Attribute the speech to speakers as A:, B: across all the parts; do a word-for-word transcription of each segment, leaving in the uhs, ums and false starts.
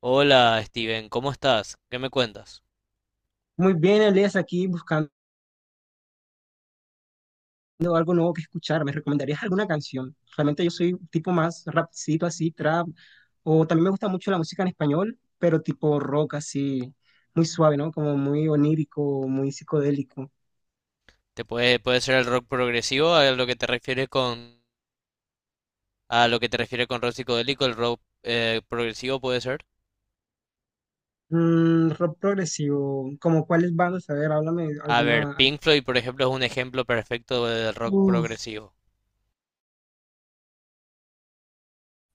A: Hola Steven, ¿cómo estás? ¿Qué me cuentas?
B: Muy bien, Elias, aquí buscando algo nuevo que escuchar. ¿Me recomendarías alguna canción? Realmente yo soy tipo más rapcito así, trap, o también me gusta mucho la música en español, pero tipo rock así, muy suave, ¿no? Como muy onírico, muy psicodélico.
A: ¿Te puede, puede ser el rock progresivo a lo que te refieres con a lo que te refieres con rock psicodélico, el rock eh, progresivo puede ser?
B: Mm, rock progresivo, ¿como cuáles bandas? A ver, háblame
A: A ver,
B: alguna.
A: Pink Floyd, por ejemplo, es un ejemplo perfecto del rock
B: Uf,
A: progresivo.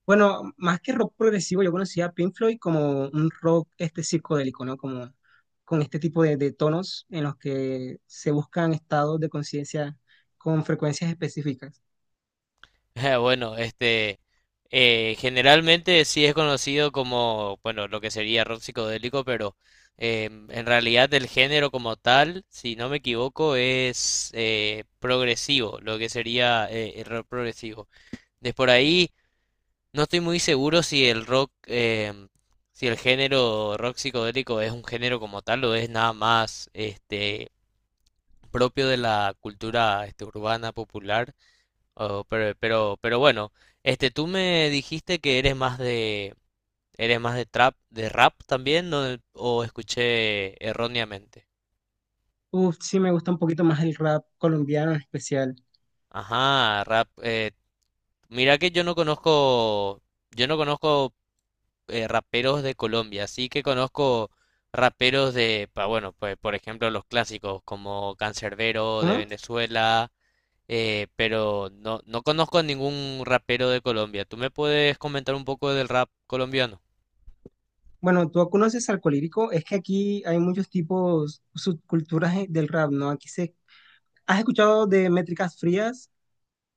B: bueno, más que rock progresivo, yo conocía a Pink Floyd como un rock este psicodélico, ¿no? Como con este tipo de, de tonos en los que se buscan estados de conciencia con frecuencias específicas.
A: Bueno, este, eh, generalmente sí es conocido como, bueno, lo que sería rock psicodélico, pero eh, en realidad el género como tal, si no me equivoco, es eh, progresivo, lo que sería eh, el rock progresivo. De por ahí, no estoy muy seguro si el rock, em, si el género rock psicodélico es un género como tal o es nada más este, propio de la cultura este, urbana popular. o- pero, pero, pero bueno, este, tú me dijiste que eres más de, eres más de trap, de rap también, ¿no? O escuché erróneamente.
B: Uf, sí me gusta un poquito más el rap colombiano en especial.
A: Ajá, rap. Eh, mira que yo no conozco, yo no conozco eh, raperos de Colombia. Sí que conozco raperos de, pa- bueno, pues por ejemplo los clásicos como Canserbero de
B: ¿Cómo?
A: Venezuela, eh, pero no, no conozco a ningún rapero de Colombia. ¿Tú me puedes comentar un poco del rap colombiano?
B: Bueno, tú conoces al colírico, es que aquí hay muchos tipos, subculturas eh, del rap, ¿no? Aquí se... ¿Has escuchado de métricas frías?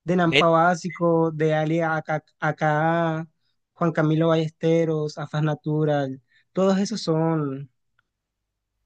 B: De Nampa Básico, de Ali Aka, Aka, Juan Camilo Ballesteros, Afas Natural, todos esos son,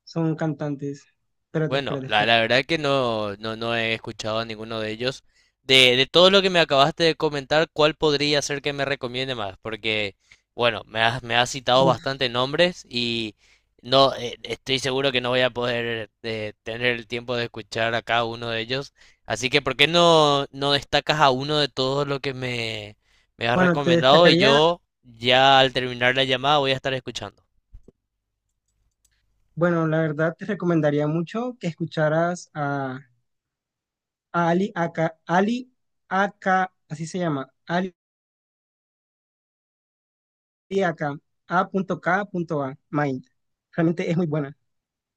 B: son cantantes. Espérate,
A: Bueno,
B: espérate,
A: la,
B: espérate.
A: la verdad que no, no, no he escuchado a ninguno de ellos. De, de todo lo que me acabaste de comentar, ¿cuál podría ser que me recomiende más? Porque, bueno, me has, me has citado
B: Uf.
A: bastantes nombres y no, eh, estoy seguro que no voy a poder eh, tener el tiempo de escuchar a cada uno de ellos. Así que, ¿por qué no, no destacas a uno de todos lo que me, me has
B: Bueno, te
A: recomendado? Y
B: destacaría,
A: yo, ya al terminar la llamada, voy a estar escuchando.
B: bueno, la verdad te recomendaría mucho que escucharas a, a Ali Aka, Ali Aka, así se llama, Ali Aka, A K A. Mind. Realmente es muy buena.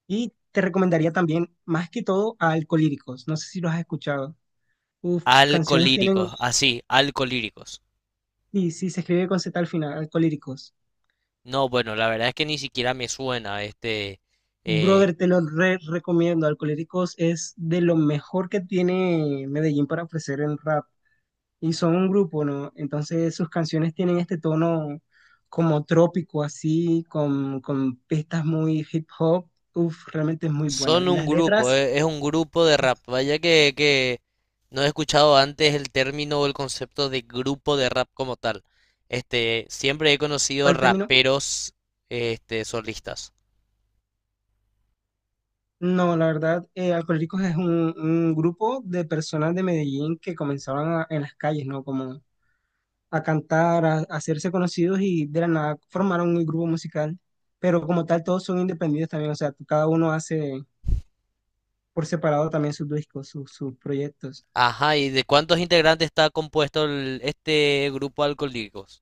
B: Y te recomendaría también, más que todo, a Alcolíricos. No sé si los has escuchado. Uf, sus canciones tienen.
A: Alcolíricos, así, alcolíricos.
B: Sí, sí, se escribe con Z al final, Alcohólicos.
A: No, bueno, la verdad es que ni siquiera me suena. Este, eh,
B: Brother, te lo re recomiendo. Alcohólicos es de lo mejor que tiene Medellín para ofrecer en rap. Y son un grupo, ¿no? Entonces sus canciones tienen este tono como trópico, así, con, con pistas muy hip hop. Uf, realmente es muy bueno.
A: son
B: Y
A: un
B: las
A: grupo,
B: letras,
A: eh, es un grupo de rap. Vaya que, que no he escuchado antes el término o el concepto de grupo de rap como tal. Este, siempre he conocido
B: ¿cuál término?
A: raperos, este, solistas.
B: No, la verdad, eh, Alcohólicos es un, un grupo de personas de Medellín que comenzaban a- en las calles, ¿no? Como a cantar, a, a hacerse conocidos y de la nada formaron un grupo musical. Pero como tal, todos son independientes también, o sea, cada uno hace por separado también sus discos, sus, sus proyectos.
A: Ajá, ¿y de cuántos integrantes está compuesto el- este grupo Alcolíricos?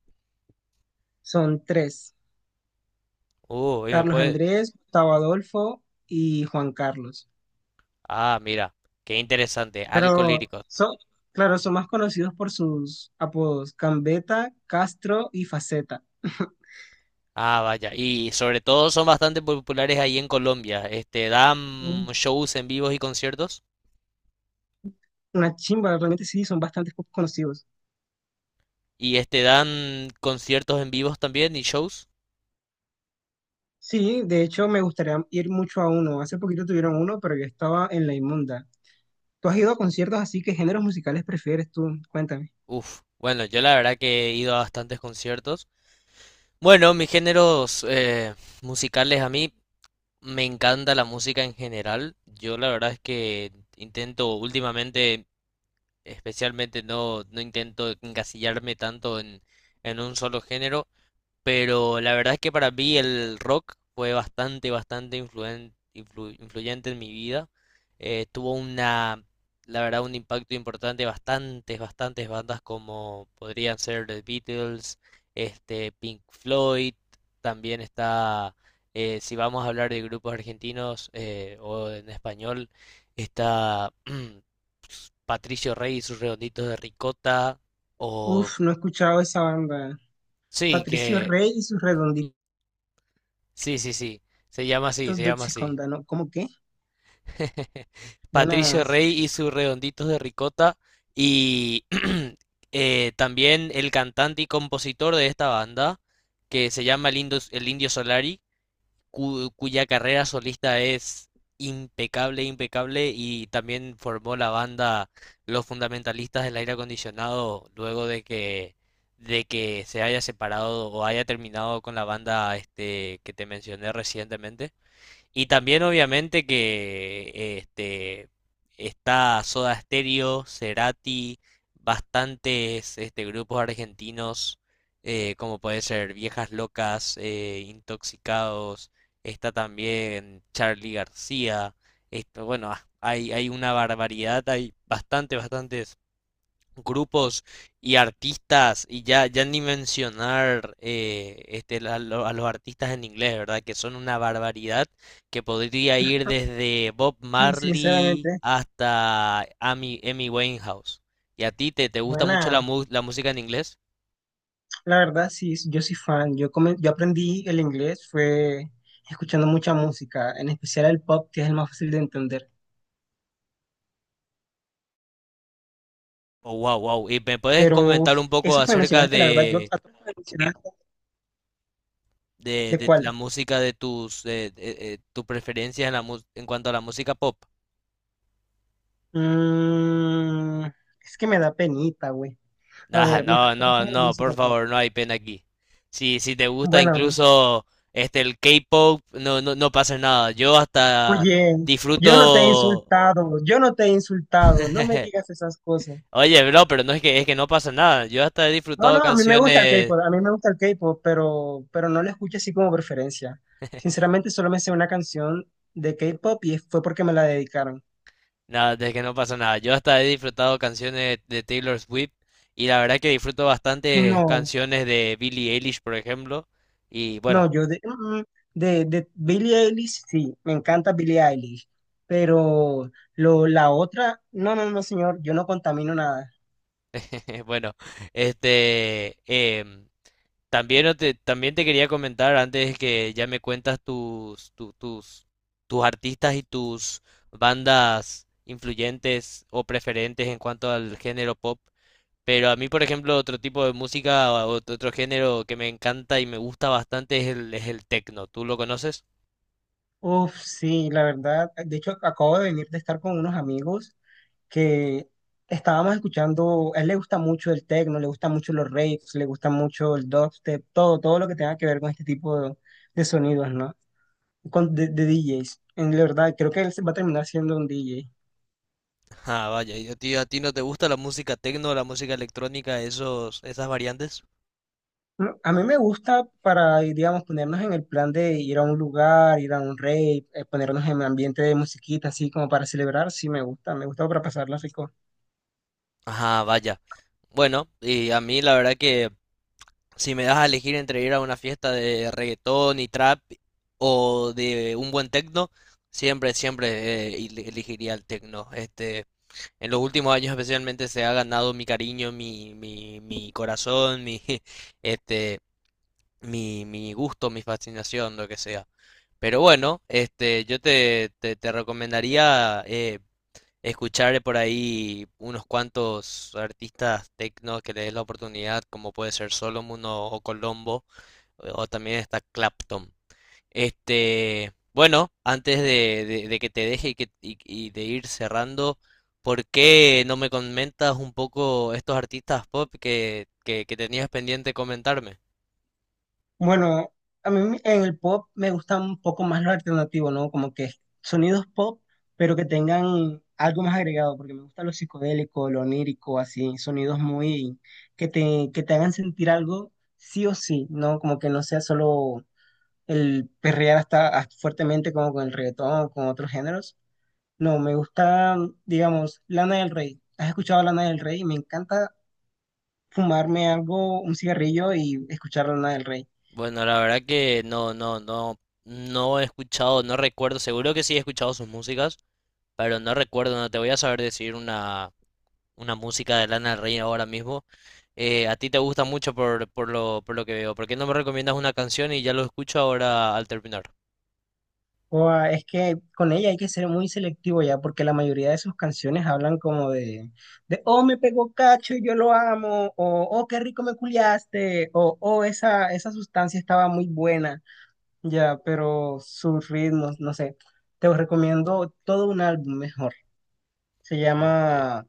B: Son tres,
A: Uh, y me
B: Carlos
A: puede...
B: Andrés, Gustavo Adolfo y Juan Carlos.
A: Ah, mira, qué interesante,
B: Pero
A: Alcolíricos.
B: son, claro, son más conocidos por sus apodos, Cambeta, Castro y Faceta.
A: Ah, vaya. Y sobre todo son bastante populares ahí en Colombia. Este, dan shows en vivos y conciertos.
B: Una chimba, realmente sí, son bastante poco conocidos.
A: Y este, dan conciertos en vivos también y shows.
B: Sí, de hecho me gustaría ir mucho a uno. Hace poquito tuvieron uno, pero yo estaba en la inmunda. ¿Tú has ido a conciertos así? ¿Qué géneros musicales prefieres tú? Cuéntame.
A: Uf. Bueno, yo la verdad que he ido a bastantes conciertos. Bueno, mis géneros eh, musicales, a mí me encanta la música en general. Yo la verdad es que intento últimamente, especialmente no, no intento encasillarme tanto en, en un solo género. Pero la verdad es que para mí el rock fue bastante, bastante influen- influ- influyente en mi vida. Eh, tuvo una, la verdad, un impacto importante, bastantes, bastantes bandas como podrían ser The Beatles, este, Pink Floyd, también está, eh, si vamos a hablar de grupos argentinos eh, o en español, está Patricio Rey y sus Redonditos de Ricota, o
B: Uf, no he escuchado esa banda.
A: sí,
B: Patricio
A: que...
B: Rey y sus redonditos
A: Sí, sí, sí. Se llama así, se
B: de
A: llama así.
B: Oxiconda, ¿no? ¿Cómo qué?
A: Patricio
B: Buenas,
A: Rey y sus Redonditos de Ricota. Y eh, también el cantante y compositor de esta banda, que se llama el Indio, el Indio Solari, cu- cuya carrera solista es impecable, impecable. Y también formó la banda Los Fundamentalistas del Aire Acondicionado luego de que, de que se haya separado o haya terminado con la banda este, que te mencioné recientemente. Y también obviamente que este, está Soda Stereo, Cerati, bastantes este, grupos argentinos, eh, como puede ser Viejas Locas, eh, Intoxicados, está también Charly García, esto, bueno, ah, hay, hay una barbaridad, hay bastante, bastantes grupos y artistas, y ya, ya ni mencionar eh, este, a, lo- a los artistas en inglés, ¿verdad? Que son una barbaridad, que podría ir desde Bob Marley
B: sinceramente,
A: hasta Amy, Amy Winehouse. ¿Y a ti te, te gusta mucho la,
B: buena.
A: mu- la música en inglés?
B: La verdad, sí, yo soy fan. Yo, come- yo aprendí el inglés, fue escuchando mucha música, en especial el pop, que es el más fácil de entender.
A: Oh, wow, wow. ¿Y me puedes
B: Pero
A: comentar
B: uf,
A: un poco
B: esas que me
A: acerca
B: mencionaste, la verdad, yo...
A: de, de,
B: ¿De
A: de la
B: cuál?
A: música de tus, eh, eh, eh, tus preferencias en, la, mu- en cuanto a la música pop?
B: Mm, es que me da penita, güey. A
A: Ah,
B: ver, mis
A: no, no,
B: preferencias de la
A: no,
B: música.
A: por
B: Pues.
A: favor, no hay pena aquí. Si, si te gusta
B: Bueno,
A: incluso este el K-pop, no, no, no pasa nada. Yo hasta
B: oye, yo no te he
A: disfruto.
B: insultado, yo no te he insultado, no me digas esas cosas.
A: Oye, bro, pero no es que es que no pasa nada. Yo hasta he
B: No,
A: disfrutado
B: no, a mí me gusta el
A: canciones.
B: K-pop, a mí me gusta el K-pop, pero, pero no lo escucho así como preferencia. Sinceramente, solo me sé una canción de K-pop y fue porque me la dedicaron.
A: Nada, de que no pasa nada. Yo hasta he disfrutado canciones de Taylor Swift y la verdad que disfruto bastante
B: No.
A: canciones de Billie Eilish, por ejemplo. Y bueno,
B: No, yo de, mm, de, de Billie Eilish, sí, me encanta Billie Eilish, pero lo, la otra, no, no, no, señor, yo no contamino nada.
A: bueno, este, em, también no te, también te quería comentar antes que ya me cuentas tus, tu- tus, tus artistas y tus bandas influyentes o preferentes en cuanto al género pop. Pero a mí, por ejemplo, otro tipo de música o ot- otro género que me encanta y me gusta bastante es el, es el techno. ¿Tú lo conoces?
B: Uf, sí, la verdad, de hecho acabo de venir de estar con unos amigos que estábamos escuchando, a él le gusta mucho el techno, le gusta mucho los raves, le gusta mucho el dubstep, todo, todo lo que tenga que ver con este tipo de, de sonidos, ¿no? Con, de, de D Js. En la verdad, creo que él se va a terminar siendo un D J.
A: Ah, vaya, ¿y a ti, a ti no te gusta la música techno, la música electrónica, esos, esas variantes?
B: Mm, A mí me gusta para, digamos, ponernos en el plan de ir a un lugar, ir a un rave, eh, ponernos en ambiente de musiquita, así como para celebrar, sí me gusta, me gusta para pasarla rico.
A: Ah, vaya. Bueno, y a mí la verdad que, si me das a elegir entre ir a una fiesta de reggaetón y trap o de un buen techno, siempre, siempre eh, il- elegiría el techno. Este, en los últimos años especialmente se ha ganado mi cariño, mi, mi, mi corazón, mi, este, mi, mi gusto, mi fascinación, lo que sea. Pero bueno, este, yo te, te, te recomendaría eh, escuchar por ahí unos cuantos artistas techno que le des la oportunidad, como puede ser Solomon o, o Colombo o también está Clapton. Este, bueno, antes de, de- de que te deje y, que, y- y de ir cerrando, ¿por qué no me comentas un poco estos artistas pop que, que- que tenías pendiente comentarme?
B: Bueno, a mí me- en el pop me gusta un poco más lo alternativo, ¿no? Como que sonidos pop, pero que tengan algo más agregado, porque me gusta lo psicodélico, lo onírico, así, sonidos muy, que te, que te hagan sentir algo sí o sí, ¿no? Como que no sea solo el perrear hasta, hasta fuertemente como con el reggaetón, con otros géneros. No, me gusta, digamos, Lana del Rey. ¿Has escuchado Lana del Rey? Me encanta fumarme algo, un cigarrillo y escuchar Lana del Rey.
A: Bueno, la verdad que no, no, no, no he escuchado, no recuerdo, seguro que sí he escuchado sus músicas, pero no recuerdo, no te voy a saber decir una, una música de Lana del Rey ahora mismo. Eh, a ti te gusta mucho por, por lo, por lo que veo. ¿Por qué no me recomiendas una canción y ya lo escucho ahora al terminar?
B: O, ah, es que con ella hay que ser muy selectivo ya, porque la mayoría de sus canciones hablan como de, de oh, me pegó cacho y yo lo amo, o oh, qué rico me culiaste, o oh, esa, esa sustancia estaba muy buena. Ya, pero sus ritmos, no sé. Te recomiendo todo un álbum mejor. Se
A: Ok.
B: llama,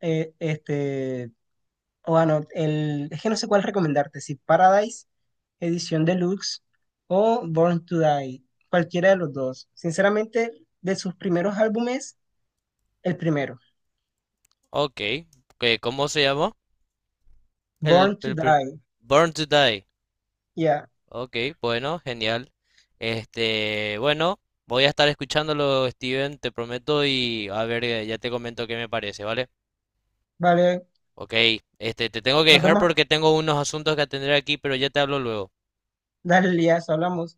B: eh, este, o bueno, el, es que no sé cuál recomendarte, si Paradise, edición deluxe o Born to Die, cualquiera de los dos. Sinceramente, de sus primeros álbumes, el primero,
A: Ok, que- ¿cómo se llamó? El,
B: Born to
A: el prim-
B: Die.
A: Born to Die.
B: Ya,
A: Ok, bueno, genial. Este, bueno, voy a estar escuchándolo, Steven, te prometo, y a ver, eh, ya te comento qué me parece, ¿vale?
B: vale,
A: Ok, este, te tengo que
B: nos
A: dejar
B: vemos,
A: porque tengo unos asuntos que atender aquí, pero ya te hablo luego.
B: dale, ya, hablamos.